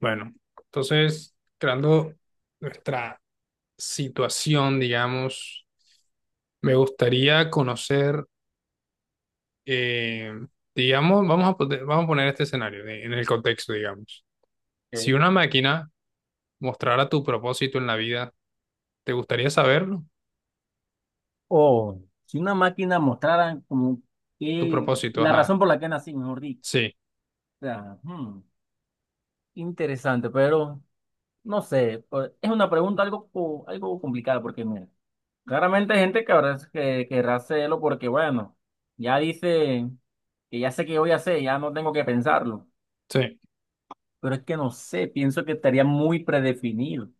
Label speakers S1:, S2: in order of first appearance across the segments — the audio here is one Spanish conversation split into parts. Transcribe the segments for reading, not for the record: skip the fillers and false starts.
S1: Bueno, entonces, creando nuestra situación, digamos, me gustaría conocer, eh, digamos, vamos a poner este escenario en el contexto, digamos. Si
S2: Ok.
S1: una máquina mostrara tu propósito en la vida, ¿te gustaría saberlo?
S2: O si una máquina mostrara como
S1: Tu
S2: que
S1: propósito,
S2: la
S1: ajá.
S2: razón por la que nací, mejor dicho.
S1: Sí,
S2: O sea, interesante, pero no sé, pues, es una pregunta algo, algo complicada porque mira, claramente hay gente que habrá que querrá hacerlo porque bueno, ya dice que ya sé qué voy a hacer, ya no tengo que pensarlo,
S1: sí.
S2: pero es que no sé, pienso que estaría muy predefinido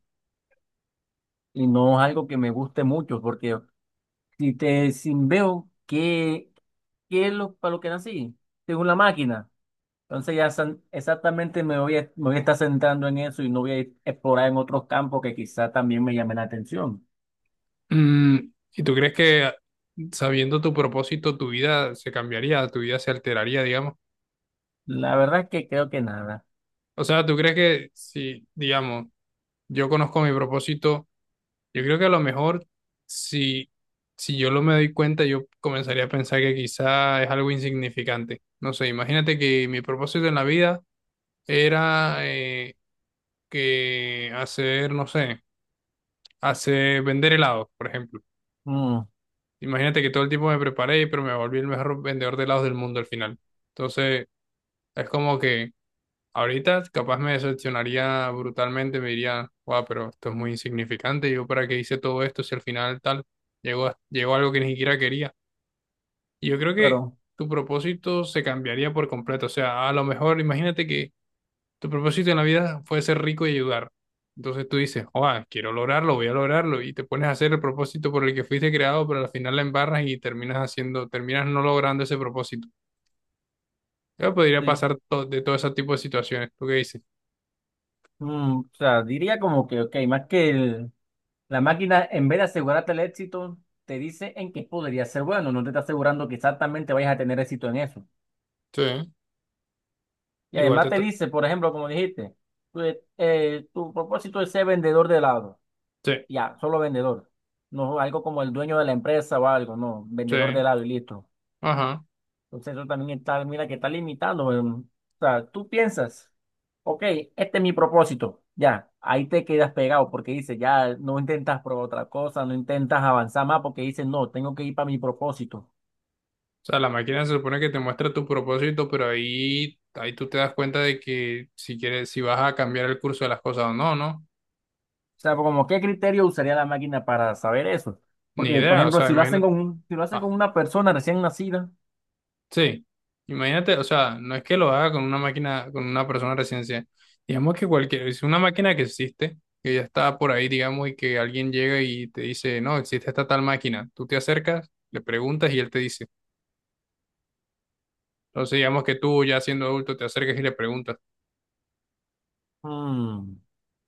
S2: y no es algo que me guste mucho porque si veo que es lo, para lo que nací, según la máquina. Entonces ya exactamente me voy a estar centrando en eso y no explorar en otros campos que quizá también me llamen la atención.
S1: Mm, ¿y tú crees que sabiendo tu propósito, tu vida se cambiaría, tu vida se alteraría, digamos?
S2: La verdad es que creo que nada.
S1: O sea, ¿tú crees que si, digamos, yo conozco mi propósito? Yo creo que a lo mejor si, si yo lo me doy cuenta, yo comenzaría a pensar que quizá es algo insignificante. No sé, imagínate que mi propósito en la vida era que hacer, no sé, hacer vender helados, por ejemplo.
S2: Mm,
S1: Imagínate que todo el tiempo me preparé, pero me volví el mejor vendedor de helados del mundo al final. Entonces, es como que ahorita capaz me decepcionaría brutalmente, me diría, wow, pero esto es muy insignificante, yo para qué hice todo esto si al final tal, llegó, llegó a algo que ni siquiera quería. Y yo creo que
S2: pero
S1: tu propósito se cambiaría por completo, o sea, a lo mejor imagínate que tu propósito en la vida fue ser rico y ayudar. Entonces tú dices, wow, quiero lograrlo, voy a lograrlo, y te pones a hacer el propósito por el que fuiste creado, pero al final la embarras y terminas haciendo, terminas no logrando ese propósito. Yo podría
S2: sí.
S1: pasar de todo ese tipo de situaciones. ¿Tú qué dices?
S2: Mm, o sea, diría como que, ok, más que la máquina, en vez de asegurarte el éxito, te dice en qué podría ser bueno, no te está asegurando que exactamente vayas a tener éxito en eso.
S1: Sí.
S2: Y
S1: Igual
S2: además
S1: te,
S2: te dice, por ejemplo, como dijiste, tu, tu propósito es ser vendedor de helado.
S1: sí,
S2: Ya, solo vendedor. No algo como el dueño de la empresa o algo, no,
S1: sí,
S2: vendedor de helado y listo.
S1: ajá.
S2: Entonces eso también está, mira que está limitado. O sea, tú piensas, ok, este es mi propósito, ya, ahí te quedas pegado porque dices, ya no intentas probar otra cosa, no intentas avanzar más porque dices, no, tengo que ir para mi propósito.
S1: O sea, la máquina se supone que te muestra tu propósito, pero ahí, ahí tú te das cuenta de que si quieres, si vas a cambiar el curso de las cosas o no, ¿no?
S2: O sea, como qué criterio usaría la máquina para saber eso.
S1: Ni
S2: Porque, por
S1: idea, o
S2: ejemplo,
S1: sea,
S2: si lo hacen
S1: imagínate,
S2: con, un- si lo hacen
S1: ah,
S2: con una persona recién nacida.
S1: sí, imagínate, o sea, no es que lo haga con una máquina, con una persona recién ciega. Digamos que cualquier, es una máquina que existe, que ya está por ahí, digamos, y que alguien llega y te dice, no, existe esta tal máquina. Tú te acercas, le preguntas y él te dice. Entonces, digamos que tú ya siendo adulto te acercas y le preguntas.
S2: Mm,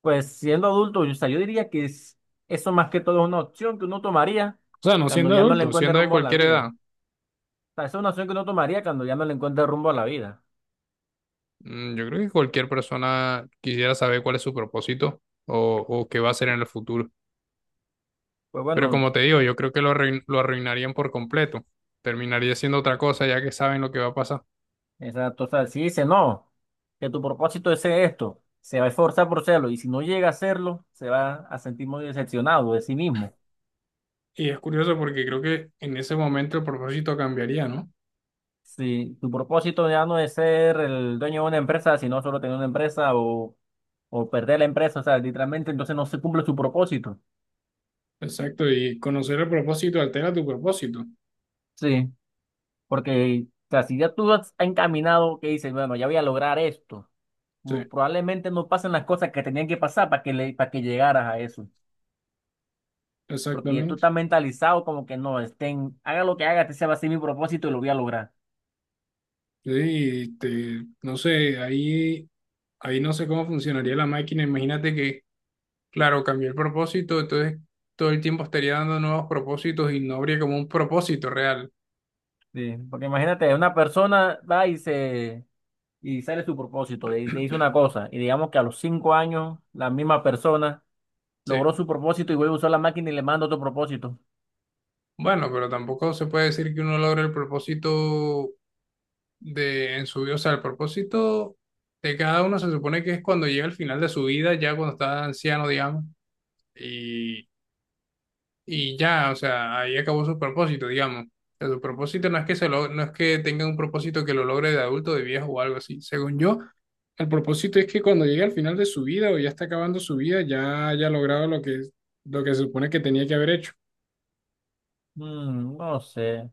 S2: pues siendo adulto, yo, o sea, yo diría que eso más que todo es una opción que uno tomaría
S1: O sea, no
S2: cuando
S1: siendo
S2: ya no le
S1: adulto,
S2: encuentre
S1: siendo de
S2: rumbo a la
S1: cualquier edad.
S2: vida. O sea, esa es una opción que uno tomaría cuando ya no le encuentre rumbo a la vida.
S1: Mm, yo creo que cualquier persona quisiera saber cuál es su propósito o qué va a hacer en el futuro.
S2: Pues
S1: Pero
S2: bueno,
S1: como te digo, yo creo que lo, lo arruinarían por completo. Terminaría siendo otra cosa ya que saben lo que va a pasar.
S2: exacto. O sea, si dice no, que tu propósito es ser esto, se va a esforzar por serlo y si no llega a hacerlo, se va a sentir muy decepcionado de sí mismo.
S1: Y es curioso porque creo que en ese momento el propósito cambiaría, ¿no?
S2: Si tu propósito ya no es ser el dueño de una empresa, sino solo tener una empresa o perder la empresa, o sea, literalmente entonces no se cumple su propósito.
S1: Exacto, y conocer el propósito altera tu propósito.
S2: Sí. Porque, o sea, si ya tú has encaminado, que dices, bueno, ya voy a lograr esto,
S1: Sí,
S2: probablemente no pasen las cosas que tenían que pasar para que, le, para que llegaras a eso. Porque ya tú
S1: exactamente.
S2: estás mentalizado como que no, estén, haga lo que haga, este se va a ser mi propósito y lo voy a lograr.
S1: Sí, y te- no sé, ahí, ahí no sé cómo funcionaría la máquina. Imagínate que claro, cambió el propósito, entonces todo el tiempo estaría dando nuevos propósitos y no habría como un propósito real.
S2: Sí, porque imagínate, una persona va y se y sale su propósito, de hizo una cosa, y digamos que a los 5 años la misma persona
S1: Sí.
S2: logró su propósito y vuelve a usar la máquina y le manda otro propósito.
S1: Bueno, pero tampoco se puede decir que uno logre el propósito de en su vida. O sea, el propósito de cada uno se supone que es cuando llega al final de su vida, ya cuando está anciano, digamos, y, y ya, o sea, ahí acabó su propósito, digamos. O sea, su propósito no es que se lo, no es que tenga un propósito que lo logre de adulto, de viejo o algo así. Según yo, el propósito es que cuando llegue al final de su vida o ya está acabando su vida, ya haya logrado lo que se supone que tenía que haber hecho.
S2: Mm, no sé. O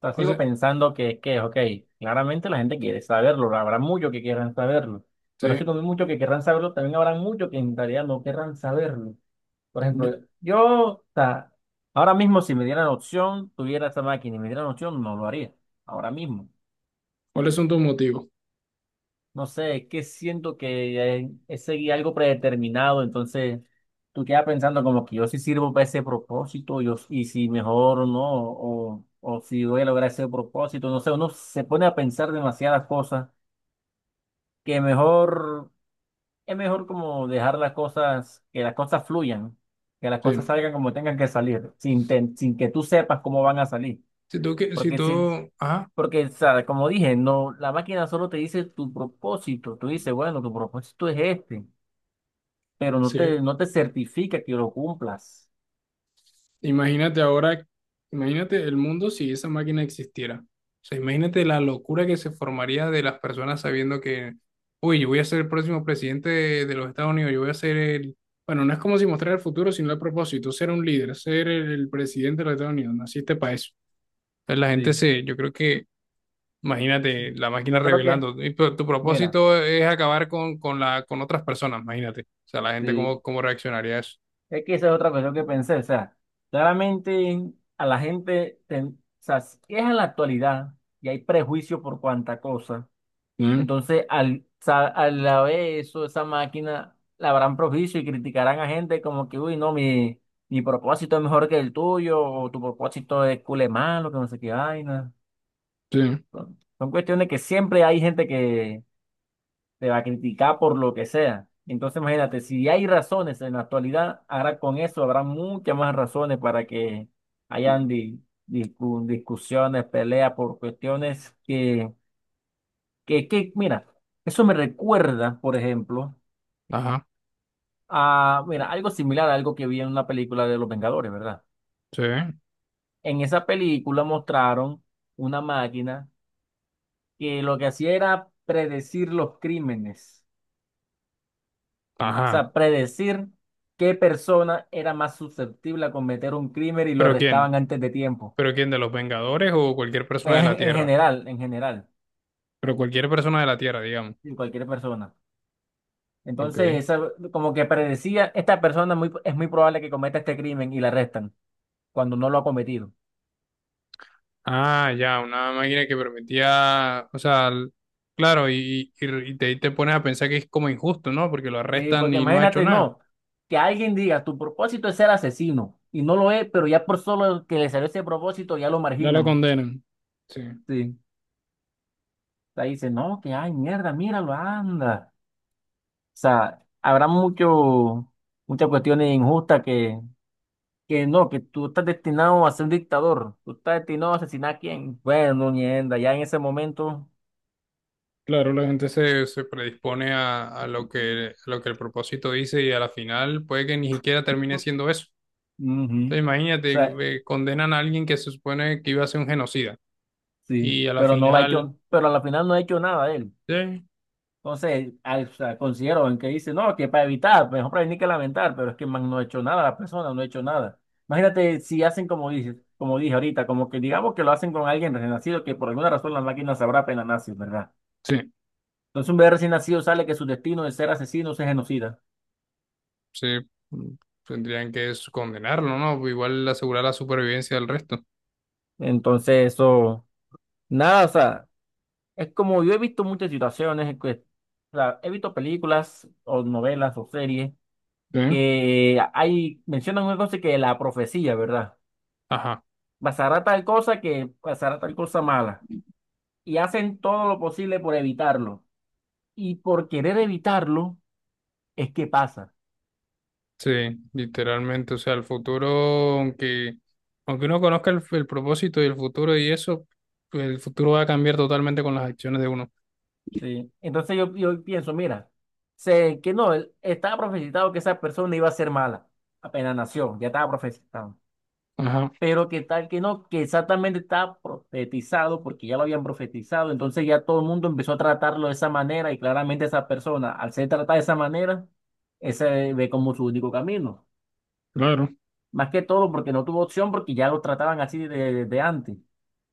S2: sea,
S1: O
S2: sigo
S1: sea,
S2: pensando que, ok, claramente la gente quiere saberlo, habrá muchos que quieran saberlo, pero así
S1: sí.
S2: como hay muchos que querrán saberlo, también habrá muchos que en realidad no querrán saberlo. Por ejemplo, yo, o sea, ahora mismo si me dieran opción, tuviera esa máquina y me dieran opción, no lo haría, ahora mismo.
S1: ¿Cuáles son tus motivos?
S2: No sé, es que siento que es seguir algo predeterminado, entonces tú quedas pensando como que yo sí sirvo para ese propósito, yo, y si mejor o no, o si voy a lograr ese propósito, no sé, uno se pone a pensar demasiadas cosas, que mejor, es mejor como dejar las cosas, que las cosas fluyan, que las cosas
S1: Sí.
S2: salgan como tengan que salir, sin, sin que tú sepas cómo van a salir,
S1: Si tú, que- si
S2: porque
S1: tú,
S2: si,
S1: ajá,
S2: porque, o sea, como dije, no, la máquina solo te dice tu propósito. Tú dices, bueno, tu propósito es este, pero no
S1: sí.
S2: te, no te certifica que lo cumplas.
S1: Imagínate ahora, imagínate el mundo si esa máquina existiera. O sea, imagínate la locura que se formaría de las personas sabiendo que, uy, yo voy a ser el próximo presidente de los Estados Unidos, yo voy a ser el... Bueno, no es como si mostrar el futuro, sino el propósito, ser un líder, ser el presidente de los Estados Unidos, naciste para eso. Entonces, la gente
S2: Sí,
S1: se, yo creo que, imagínate, la máquina
S2: yo creo que,
S1: revelando, y tu
S2: mira,
S1: propósito es acabar con, la, con otras personas, imagínate. O sea, la gente
S2: sí,
S1: cómo, cómo reaccionaría a eso.
S2: es que esa es otra cuestión que pensé. O sea, claramente a la gente, o sea, si es en la actualidad y hay prejuicio por cuanta cosa.
S1: Mm,
S2: Entonces, al la vez eso, esa máquina la habrán propicio y criticarán a gente como que, uy, no, mi propósito es mejor que el tuyo, o tu propósito es cule malo, que no sé qué vaina.
S1: sí.
S2: Son, son cuestiones que siempre hay gente que te va a criticar por lo que sea. Entonces, imagínate, si hay razones en la actualidad, ahora con eso habrá muchas más razones para que hayan discusiones, peleas por cuestiones que, mira, eso me recuerda, por ejemplo,
S1: Ajá,
S2: a, mira, algo similar a algo que vi en una película de Los Vengadores, ¿verdad?
S1: sí,
S2: En esa película mostraron una máquina que lo que hacía era predecir los crímenes, o
S1: ajá.
S2: sea, predecir qué persona era más susceptible a cometer un crimen y lo
S1: ¿Pero quién?
S2: arrestaban antes de tiempo.
S1: ¿Pero quién? ¿De los Vengadores o cualquier persona de
S2: En,
S1: la
S2: en
S1: Tierra?
S2: general, en general,
S1: Pero cualquier persona de la Tierra, digamos.
S2: sí, cualquier persona. Entonces,
S1: Ok.
S2: como que predecía, esta persona es muy probable que cometa este crimen y la arrestan cuando no lo ha cometido.
S1: Ah, ya, una máquina que permitía, o sea, l- claro, y te pones a pensar que es como injusto, ¿no? Porque lo
S2: Sí,
S1: arrestan
S2: porque
S1: y no ha hecho
S2: imagínate,
S1: nada.
S2: no, que alguien diga, tu propósito es ser asesino, y no lo es, pero ya por solo que le salió ese propósito, ya lo
S1: Ya lo
S2: marginan.
S1: condenan. Sí.
S2: Sí. O sea, dice, no, que ay, mierda, míralo, anda. O sea, habrá mucho, muchas cuestiones injustas que no, que tú estás destinado a ser un dictador, tú estás destinado a asesinar a quién. Bueno, mierda, ya en ese momento,
S1: Claro, la gente se, se predispone a lo que el propósito dice y a la final puede que ni siquiera termine siendo eso.
S2: ujú. O
S1: Entonces imagínate,
S2: sea,
S1: condenan a alguien que se supone que iba a ser un genocida
S2: sí,
S1: y a la
S2: pero no lo ha
S1: final,
S2: hecho, pero al final no ha hecho nada él.
S1: eh,
S2: Entonces, o sea, considero en que dice, no, que para evitar, pues, mejor prevenir que lamentar, pero es que man, no ha hecho nada la persona, no ha hecho nada. Imagínate si hacen como dices, como dije ahorita, como que digamos que lo hacen con alguien recién nacido, que por alguna razón la máquina sabrá pena nazi, ¿verdad?
S1: sí,
S2: Entonces un bebé recién nacido sale que su destino de ser asesino es genocida.
S1: sí, mm, tendrían que condenarlo, ¿no? Igual asegurar la supervivencia del resto.
S2: Entonces eso, nada, o sea, es como yo he visto muchas situaciones, o sea, he visto películas o novelas o series
S1: Sí.
S2: que hay, mencionan una cosa que la profecía, ¿verdad?
S1: Ajá,
S2: Pasará tal cosa que pasará tal cosa mala. Y hacen todo lo posible por evitarlo. Y por querer evitarlo es que pasa.
S1: sí, literalmente, o sea, el futuro, aunque, aunque uno conozca el propósito y el futuro y eso, pues el futuro va a cambiar totalmente con las acciones de uno.
S2: ¿Sí? Entonces yo pienso, mira, sé que no, estaba profetizado que esa persona iba a ser mala. Apenas nació, ya estaba profetizado.
S1: Ajá.
S2: Pero que tal que no, que exactamente estaba profetizado porque ya lo habían profetizado. Entonces ya todo el mundo empezó a tratarlo de esa manera y claramente esa persona, al ser tratada de esa manera, ese ve como su único camino.
S1: Claro.
S2: Más que todo porque no tuvo opción, porque ya lo trataban así desde antes.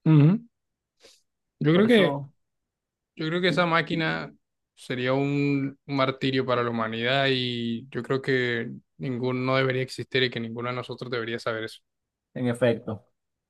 S1: Ujú. Yo creo
S2: Por
S1: que,
S2: eso,
S1: yo creo que esa máquina sería un martirio para la humanidad y yo creo que ninguno debería existir y que ninguno de nosotros debería saber eso.
S2: en efecto.